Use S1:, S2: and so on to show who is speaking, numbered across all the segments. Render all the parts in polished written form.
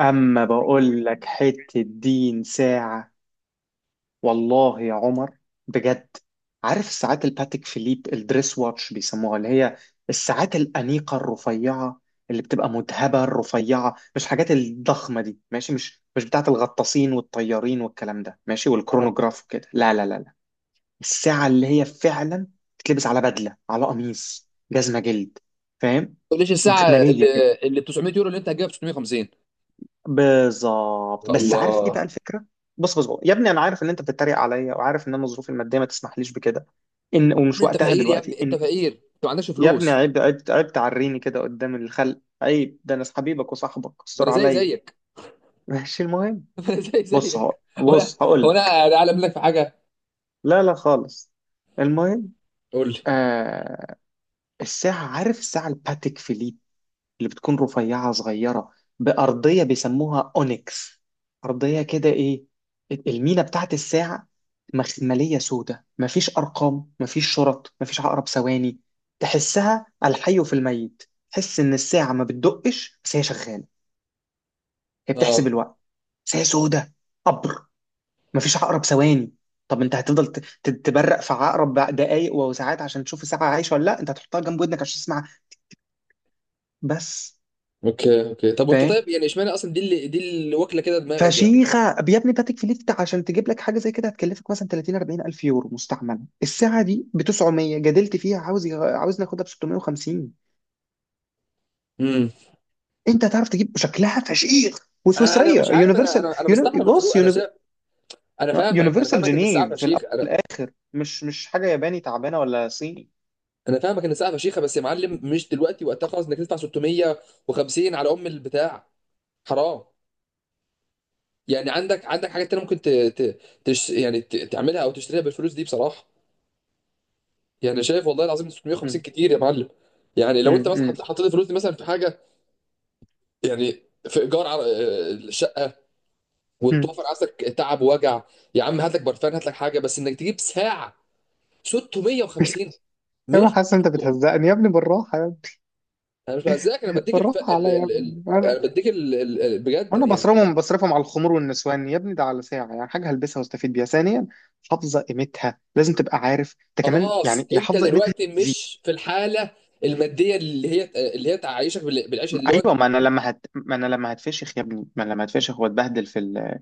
S1: أما بقول لك حتة دين ساعة، والله يا عمر، بجد. عارف الساعات الباتيك فيليب الدريس واتش بيسموها، اللي هي الساعات الأنيقة الرفيعة اللي بتبقى مذهبة الرفيعة، مش حاجات الضخمة دي. ماشي. مش بتاعة الغطاسين والطيارين والكلام ده، ماشي،
S2: اه ما
S1: والكرونوجراف وكده. لا لا لا لا، الساعة اللي هي فعلا بتلبس على بدلة، على قميص، جزمة جلد، فاهم؟
S2: تقوليش الساعه
S1: مخملية،
S2: اللي 900 يورو اللي انت هتجيبها ب 650.
S1: بالظبط.
S2: يا
S1: بس عارف ايه
S2: الله،
S1: بقى الفكره؟ بص بص بص يا ابني، انا عارف ان انت بتتريق عليا، وعارف ان انا ظروفي الماديه ما تسمحليش بكده، ان
S2: يا
S1: ومش
S2: ابني انت
S1: وقتها
S2: فقير، يا
S1: دلوقتي
S2: ابني انت
S1: ان.
S2: فقير، انت ما عندكش
S1: يا ابني
S2: فلوس.
S1: عيب عيب عيب، تعريني كده قدام الخلق، عيب. ده انا حبيبك وصاحبك،
S2: ما انا
S1: استر
S2: زي
S1: عليا.
S2: زيك.
S1: ماشي، المهم.
S2: ما انا زي زيك. ولا
S1: بص هقول
S2: هو
S1: لك.
S2: انا اعلم لك في حاجه؟
S1: لا لا خالص. المهم.
S2: قول لي.
S1: آه. عارف الساعه الباتيك فيليب اللي بتكون رفيعة صغيرة، بأرضية بيسموها أونيكس، أرضية كده إيه، المينا بتاعت الساعة، مخملية، سودة، مفيش أرقام، مفيش شرط، مفيش عقرب ثواني. تحسها الحي في الميت، تحس إن الساعة ما بتدقش بس هي شغالة، هي بتحسب
S2: اه،
S1: الوقت. بس هي سودة قبر، مفيش عقرب ثواني. طب انت هتفضل تبرق في عقرب دقايق وساعات عشان تشوف الساعة عايشة ولا لا؟ انت هتحطها جنب ودنك عشان تسمعها، بس.
S2: اوكي اوكي، طب وانت
S1: فاهم؟
S2: طيب يعني اشمعنى اصلا دي اللي واكله كده دماغك يعني؟
S1: فشيخه. يا ابني باتيك فيليت، عشان تجيب لك حاجه زي كده هتكلفك مثلا 30 40 الف يورو، مستعمله الساعه دي ب 900، جدلت فيها عاوز ناخدها ب 650.
S2: امم
S1: انت هتعرف تجيب شكلها فشيخ،
S2: انا
S1: وسويسريه،
S2: مش عارف، انا
S1: يونيفرسال،
S2: انا انا مستحرم الفلوس،
S1: بص،
S2: انا شايف. انا فاهمك، انا
S1: يونيفرسال
S2: فاهمك ان الساعه
S1: جنيف في
S2: فشيخ، انا
S1: الاخر، مش حاجه ياباني تعبانه ولا صيني.
S2: انا فاهمك ان الساعه فشيخه، بس يا معلم مش دلوقتي وقتها خالص انك تدفع 650 على ام البتاع. حرام. يعني عندك، عندك حاجات تانية ممكن ت... ت... تش... يعني ت... تعملها او تشتريها بالفلوس دي بصراحه. يعني شايف والله العظيم 650
S1: مم.
S2: كتير يا معلم. يعني لو انت
S1: مم.
S2: مثلا
S1: مم.
S2: حطيت الفلوس دي مثلا في حاجه، يعني في ايجار على الشقه،
S1: مم.
S2: وتوفر عندك تعب ووجع. يا عم هات لك برفان، هات لك حاجه، بس انك تجيب ساعه 650
S1: يا ابني
S2: مش
S1: حاسس انت
S2: مقبول.
S1: بتهزقني يا ابني، بالراحه يا ابني،
S2: انا مش بهزاك، انا بديك الف...
S1: بالراحه
S2: ال...
S1: عليا يا
S2: ال... ال... انا
S1: ابني.
S2: بديك ال... ال... ال- بجد
S1: وانا
S2: يعني حاجات.
S1: بصرفهم على الخمور والنسوان يا ابني؟ ده على ساعه، يعني حاجه هلبسها واستفيد بيها، ثانيا حافظه قيمتها، لازم تبقى عارف انت كمان
S2: خلاص،
S1: يعني، يا
S2: انت
S1: حافظه قيمتها
S2: دلوقتي
S1: زي...
S2: مش في الحاله الماديه اللي هي تعيشك بالعيشه اللي هو.
S1: ايوه، ما انا لما هتفشخ يا ابني، ما انا لما هتفشخ واتبهدل في ال...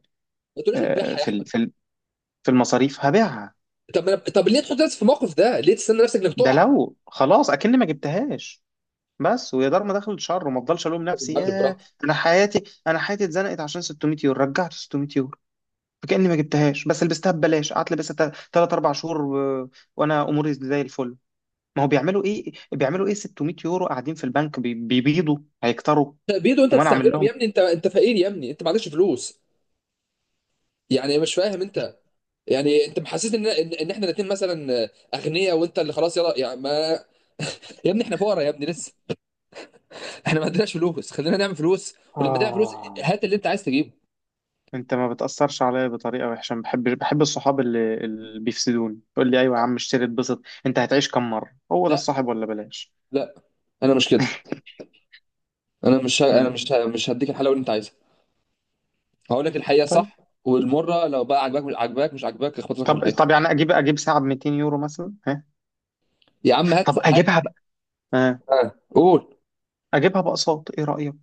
S2: ما تقوليش
S1: آه،
S2: هتبيعها يا
S1: في
S2: احمد.
S1: ال... في ال... في المصاريف، هبيعها.
S2: طب ما- طب ليه تحط نفسك في الموقف ده؟ ليه تستنى نفسك انك
S1: ده
S2: تقع؟
S1: لو خلاص اكني ما جبتهاش، بس ويا دار ما دخلت شر، وما افضلش الوم
S2: يا
S1: نفسي
S2: معلم
S1: يا...
S2: براحتك.
S1: انا حياتي اتزنقت عشان 600 يورو، رجعت 600 يورو، فكاني ما جبتهاش بس لبستها ببلاش، قعدت لبستها 3 4 شهور وانا اموري زي الفل. ما هو بيعملوا ايه، بيعملوا ايه 600 يورو قاعدين في البنك بيبيضوا؟ هيكتروا؟
S2: بيدو انت
S1: وما انا اعمل
S2: تستعملهم
S1: لهم.
S2: يا ابني، انت انت فقير يا ابني، انت ما عندكش فلوس. يعني مش فاهم انت، يعني انت محسس ان إن احنا الاثنين مثلا اغنياء، وانت اللي خلاص يلا يعني ما. يا ابني احنا فقراء يا ابني لسه، احنا ما عندناش فلوس، خلينا نعمل فلوس. ولما تعمل فلوس
S1: آه.
S2: هات اللي انت عايز تجيبه.
S1: انت ما بتأثرش عليا بطريقة وحشة، ما بحب بحب الصحاب اللي بيفسدوني، يقول لي ايوه يا عم اشتري اتبسط، انت هتعيش كم مرة؟ هو ده
S2: لا،
S1: الصاحب، ولا بلاش.
S2: لا، انا مش كده. انا مش ه- انا
S1: مم.
S2: مش ه- مش هديك الحلاوه اللي انت عايزها. هقول لك الحقيقه
S1: طيب.
S2: صح. والمره لو بقى عجباك، مش عجباك، اخبط لك في
S1: طب
S2: الحيطه.
S1: طب يعني اجيب ساعة ب 200 يورو مثلا، ها؟
S2: يا عم هات،
S1: طب
S2: هات.
S1: اجيبها بقى، ها؟
S2: آه، قول.
S1: اجيبها باقساط، ايه رأيك؟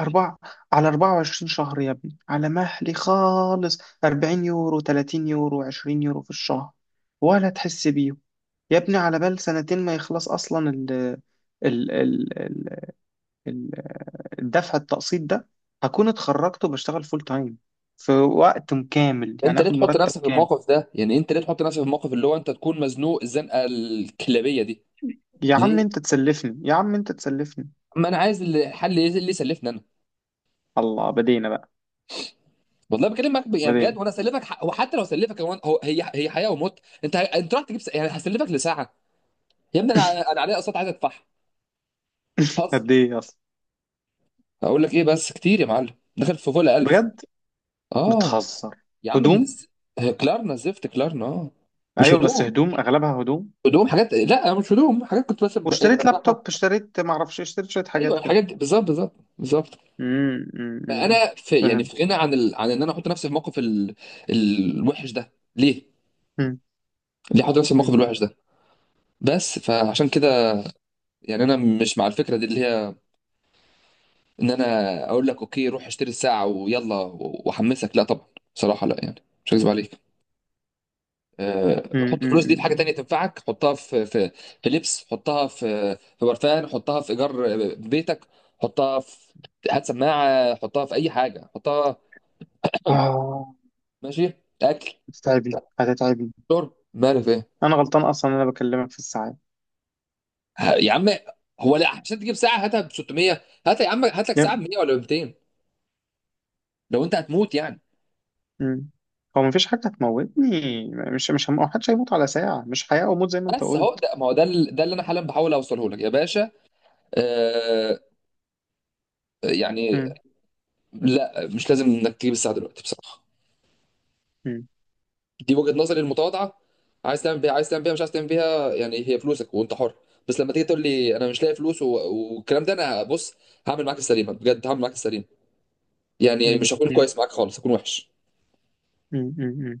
S1: أربعة، على 24 شهر يا ابني، على مهلي خالص، 40 يورو، 30 يورو، 20 يورو في الشهر، ولا تحس بيه. يا ابني على بال سنتين ما يخلص أصلا ال ال ال ال- الدفع التقسيط ده، هكون اتخرجت وبشتغل فول تايم، في وقت كامل،
S2: انت
S1: يعني
S2: ليه
S1: آخد
S2: تحط
S1: مرتب
S2: نفسك في
S1: كامل.
S2: الموقف ده؟ يعني انت ليه تحط نفسك في الموقف اللي هو انت تكون مزنوق الزنقه الكلابيه دي؟
S1: يا عم أنت
S2: ليه؟
S1: تسلفني، يا عم أنت تسلفني.
S2: ما انا عايز الحل اللي يسلفني انا.
S1: الله، بدينا بقى.
S2: والله بكلمك يعني بجد،
S1: بدينا.
S2: وانا اسلفك وحتى لو سلفك هي هي حياه وموت. انت انت يعني هسلفك لساعه. يا ابني انا انا عليا اقساط عايز ادفعها. هزر.
S1: قد إيه أصلا؟
S2: هقول لك ايه، بس كتير يا معلم، دخل في فوق ال 1000.
S1: بجد؟
S2: اه.
S1: بتهزر؟
S2: يا عم
S1: هدوم؟
S2: الز- كلارنا زفت كلارنا، اه. مش
S1: أيوه بس
S2: هدوم،
S1: هدوم، أغلبها هدوم.
S2: هدوم حاجات، لا مش هدوم، حاجات كنت بس ب... يعني
S1: واشتريت
S2: بدفعها.
S1: لابتوب، اشتريت ما اعرفش، اشتريت شويه
S2: ايوه
S1: حاجات كده.
S2: الحاجات دي بالظبط، بالظبط، بالظبط.
S1: امم، أمم، أمم.
S2: فانا في يعني
S1: فاهم.
S2: في غنى عن عن ان انا احط نفسي في موقف الوحش ده، ليه؟
S1: أمم،
S2: ليه احط نفسي في الموقف
S1: أمم،
S2: الوحش ده؟ بس فعشان كده يعني انا مش مع الفكره دي اللي هي ان انا اقول لك اوكي روح اشتري الساعه ويلا واحمسك، لا طبعا. بصراحه لا، يعني مش هكذب عليك. أه،
S1: أمم،
S2: حط الفلوس دي في حاجه
S1: أمم.
S2: تانية تنفعك، حطها في في لبس، حطها في برفان، حطها في ايجار بيتك، حطها في، هات سماعه، حطها في اي حاجه، حطها.
S1: اه.
S2: ماشي، اكل،
S1: هتتعبي هتتعبي.
S2: شرب، مالك.
S1: انا غلطان اصلا انا بكلمك في الساعات.
S2: يا عم هو لا، عشان تجيب ساعه هاتها ب 600، هات يا عم هات لك ساعه ب
S1: يب.
S2: 100 ولا ب 200، لو انت هتموت يعني.
S1: أمم. هو مفيش حاجه هتموتني، مش مش هم... حدش هيموت على ساعه، مش حياه وموت زي ما انت
S2: بس اهو
S1: قلت.
S2: ده، ما هو ده ده اللي انا حالا بحاول اوصله لك يا باشا. آه يعني.
S1: أمم،
S2: لا مش لازم انك تجيب الساعه دلوقتي بصراحه.
S1: أمم،
S2: دي وجهه نظري المتواضعه. عايز تعمل بيها، عايز تعمل بيها، مش عايز تعمل بيها، يعني هي فلوسك وانت حر. بس لما تيجي تقول لي انا مش لاقي فلوس والكلام ده، انا بص هعمل معاك السليمه، بجد هعمل معاك السليمه. يعني مش هكون
S1: أمم،
S2: كويس معاك خالص، هكون وحش.
S1: أمم، أمم، أمم.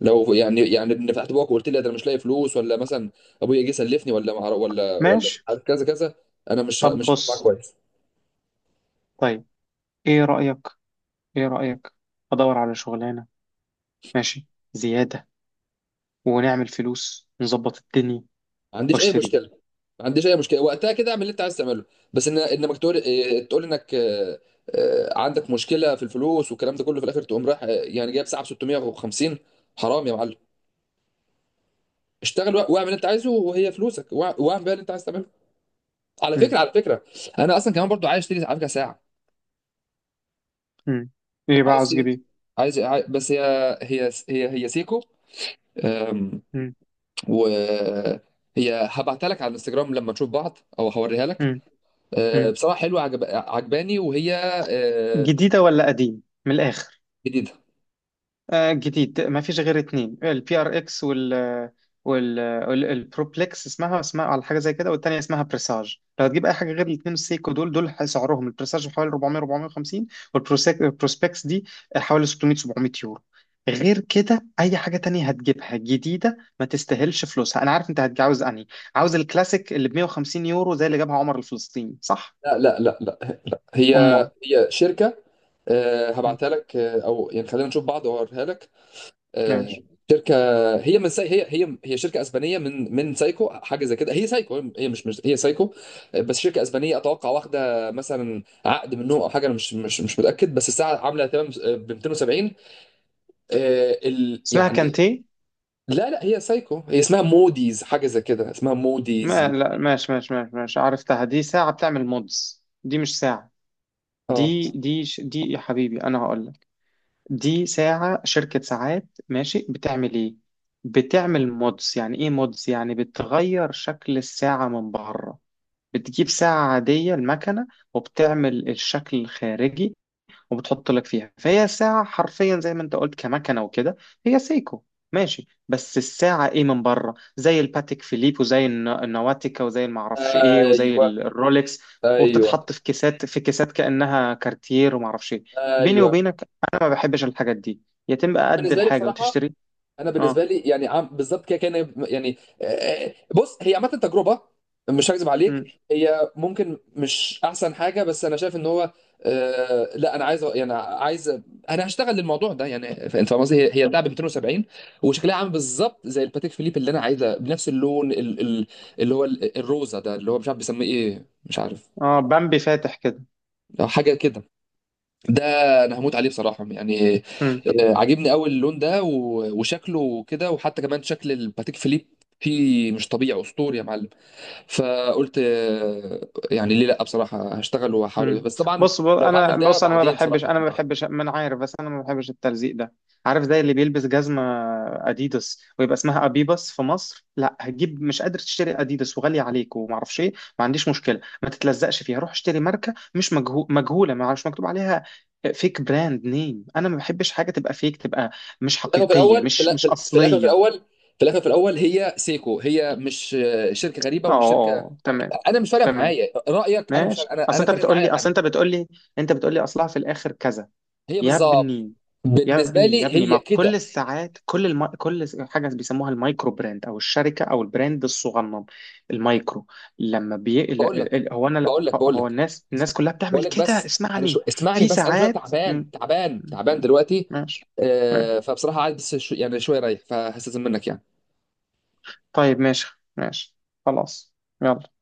S2: لو يعني، يعني ان فتحت بوقك وقلت لي ده انا مش لاقي فلوس، ولا مثلا ابويا جه سلفني، ولا مع ولا ولا
S1: ماشي.
S2: كذا كذا، انا مش ه-
S1: طب
S2: مش هكون معاك
S1: بص،
S2: كويس.
S1: طيب. ايه رايك ايه رايك؟ ادور على شغلانه، ماشي، زياده، ونعمل فلوس، نظبط الدنيا،
S2: ما عنديش اي
S1: واشتري.
S2: مشكله، ما عنديش اي مشكله، وقتها كده اعمل اللي انت عايز تعمله. بس ان انك تقول تقول انك عندك مشكله في الفلوس والكلام ده كله، في الاخر تقوم رايح يعني جايب ساعه ب 650، حرام يا معلم. اشتغل واعمل اللي انت عايزه، وهي فلوسك واعمل بيها اللي انت عايز تعمله. على
S1: مم.
S2: فكره، على فكره، انا اصلا كمان برضو عايز اشتري على فكره ساعه.
S1: مم. ايه بقى،
S2: عايز
S1: عاوز
S2: أشتري-
S1: جديد؟
S2: عايز عاي- بس هي سيكو. أم،
S1: مم.
S2: وهي، هبعتها لك على الانستجرام لما نشوف بعض، او هوريها لك.
S1: مم.
S2: أه،
S1: مم.
S2: بصراحه حلوه، عجباني وهي أه،
S1: جديدة ولا قديم من الآخر؟
S2: جديده.
S1: آه جديد. ما فيش غير اتنين: البي ار اكس، وال البروبلكس، اسمها على حاجة زي كده، والتانية اسمها بريساج. لو هتجيب أي حاجة غير الاتنين السيكو دول، سعرهم البريساج حوالي 400 450، والبروسبكس دي حوالي 600 700 يورو. غير كده اي حاجه تانية هتجيبها جديده ما تستاهلش فلوسها. انا عارف انت عاوز انهي، عاوز الكلاسيك اللي ب 150 يورو، زي اللي جابها عمر الفلسطيني، صح؟
S2: لا، هي،
S1: أمار.
S2: هي شركه. أه،
S1: مم.
S2: هبعتها لك، أه، او يعني خلينا نشوف بعض واوريها لك. أه،
S1: ماشي.
S2: شركه. هي شركه اسبانيه من سايكو، حاجه زي كده. هي سايكو، هي مش هي سايكو. أه، بس شركه اسبانيه اتوقع، واخده مثلا عقد منهم او حاجه، انا مش متاكد، بس الساعه عامله تمام ب 270. آه
S1: اسمها
S2: يعني.
S1: كانتي.
S2: لا لا، هي سايكو، هي اسمها موديز، حاجه زي كده اسمها
S1: ما
S2: موديز.
S1: لا، ماشي ماشي ماشي ماشي، عرفتها. دي ساعة بتعمل مودز، دي مش ساعة.
S2: اه،
S1: دي يا حبيبي أنا هقول لك، دي ساعة، شركة ساعات ماشي، بتعمل إيه؟ بتعمل مودز. يعني إيه مودز؟ يعني بتغير شكل الساعة من بره، بتجيب ساعة عادية المكنة، وبتعمل الشكل الخارجي، وبتحط لك فيها، فهي الساعة حرفيا زي ما انت قلت كمكنة وكده، هي سيكو ماشي، بس الساعة ايه من بره زي الباتيك فيليب، وزي النواتيكا، وزي المعرفش ايه، وزي
S2: ايوه،
S1: الرولكس،
S2: ايوه،
S1: وبتتحط في كيسات كأنها كارتير ومعرفش ايه. بيني
S2: ايوه.
S1: وبينك، انا ما بحبش الحاجات دي، يتم
S2: انا
S1: قد
S2: بالنسبه لي
S1: الحاجة
S2: بصراحه،
S1: وتشتري.
S2: انا بالنسبه
S1: اه.
S2: لي يعني عم بالظبط كده كان يعني بص هي عامه تجربه. مش هكذب
S1: مم.
S2: عليك هي ممكن مش احسن حاجه، بس انا شايف ان هو آه، لا انا عايز يعني عايز، انا هشتغل للموضوع ده يعني، انت فاهم قصدي، هي بتاع ب 270، وشكلها عامل بالظبط زي الباتيك فيليب اللي انا عايزه، بنفس اللون الروزه ده اللي هو مش عارف بيسميه ايه، مش عارف،
S1: اه، بامبي فاتح كده.
S2: حاجه كده. ده انا هموت عليه بصراحه يعني. آه، عاجبني قوي اللون ده وشكله كده، وحتى كمان شكل الباتيك فيليب فيه مش طبيعي، اسطوري يا معلم. فقلت آه، يعني ليه لا بصراحه، هشتغل واحاول أجيب.
S1: مم.
S2: بس طبعا
S1: بص بص،
S2: لو هعمل ده
S1: انا ما
S2: بعدين
S1: بحبش،
S2: بصراحه يعني.
S1: ما انا عارف، بس انا ما بحبش التلزيق ده. عارف زي اللي بيلبس جزمه اديداس ويبقى اسمها ابيباس في مصر؟ لا هتجيب، مش قادر تشتري اديداس وغالي عليك وما اعرفش ايه، ما عنديش مشكله، ما تتلزقش فيها، روح اشتري ماركه مش مجهوله، ما مش مكتوب عليها فيك براند نيم. انا ما بحبش حاجه تبقى فيك، تبقى مش
S2: في الاخر في
S1: حقيقيه،
S2: الاول في
S1: مش
S2: الأ- في الاخر في
S1: اصليه.
S2: الاول، في الاخر، في الاول، هي سيكو، هي مش آه، شركه غريبه
S1: اه، آه،
S2: ومش شركه.
S1: آه، تمام.
S2: انا مش فارق
S1: تمام.
S2: معايا رايك، انا مش فارق-
S1: ماشي،
S2: انا
S1: اصل
S2: انا
S1: انت
S2: فارق
S1: بتقول لي
S2: معايا
S1: اصل
S2: انا.
S1: انت بتقول لي انت بتقول لي اصلها في الاخر كذا.
S2: هي
S1: يا
S2: بالظبط
S1: ابني، يا
S2: بالنسبه
S1: ابني، يا
S2: لي
S1: ابني،
S2: هي
S1: ما كل
S2: كده.
S1: الساعات، كل حاجه بيسموها المايكرو براند او الشركه او البراند الصغنن، المايكرو. لما بي... ال-
S2: بقول
S1: ال-
S2: لك
S1: ال-
S2: بقول لك بقول
S1: هو
S2: لك
S1: الناس كلها بتعمل
S2: بقول لك
S1: كده،
S2: بس، انا شو،
S1: اسمعني.
S2: اسمعني
S1: في
S2: بس، انا شويه
S1: ساعات
S2: تعبان، تعبان دلوقتي.
S1: ماشي. ماشي.
S2: آه، فبصراحه عايز بس يعني شويه رايح، فهستاذن منك يعني.
S1: طيب. ماشي. ماشي. خلاص. يلا.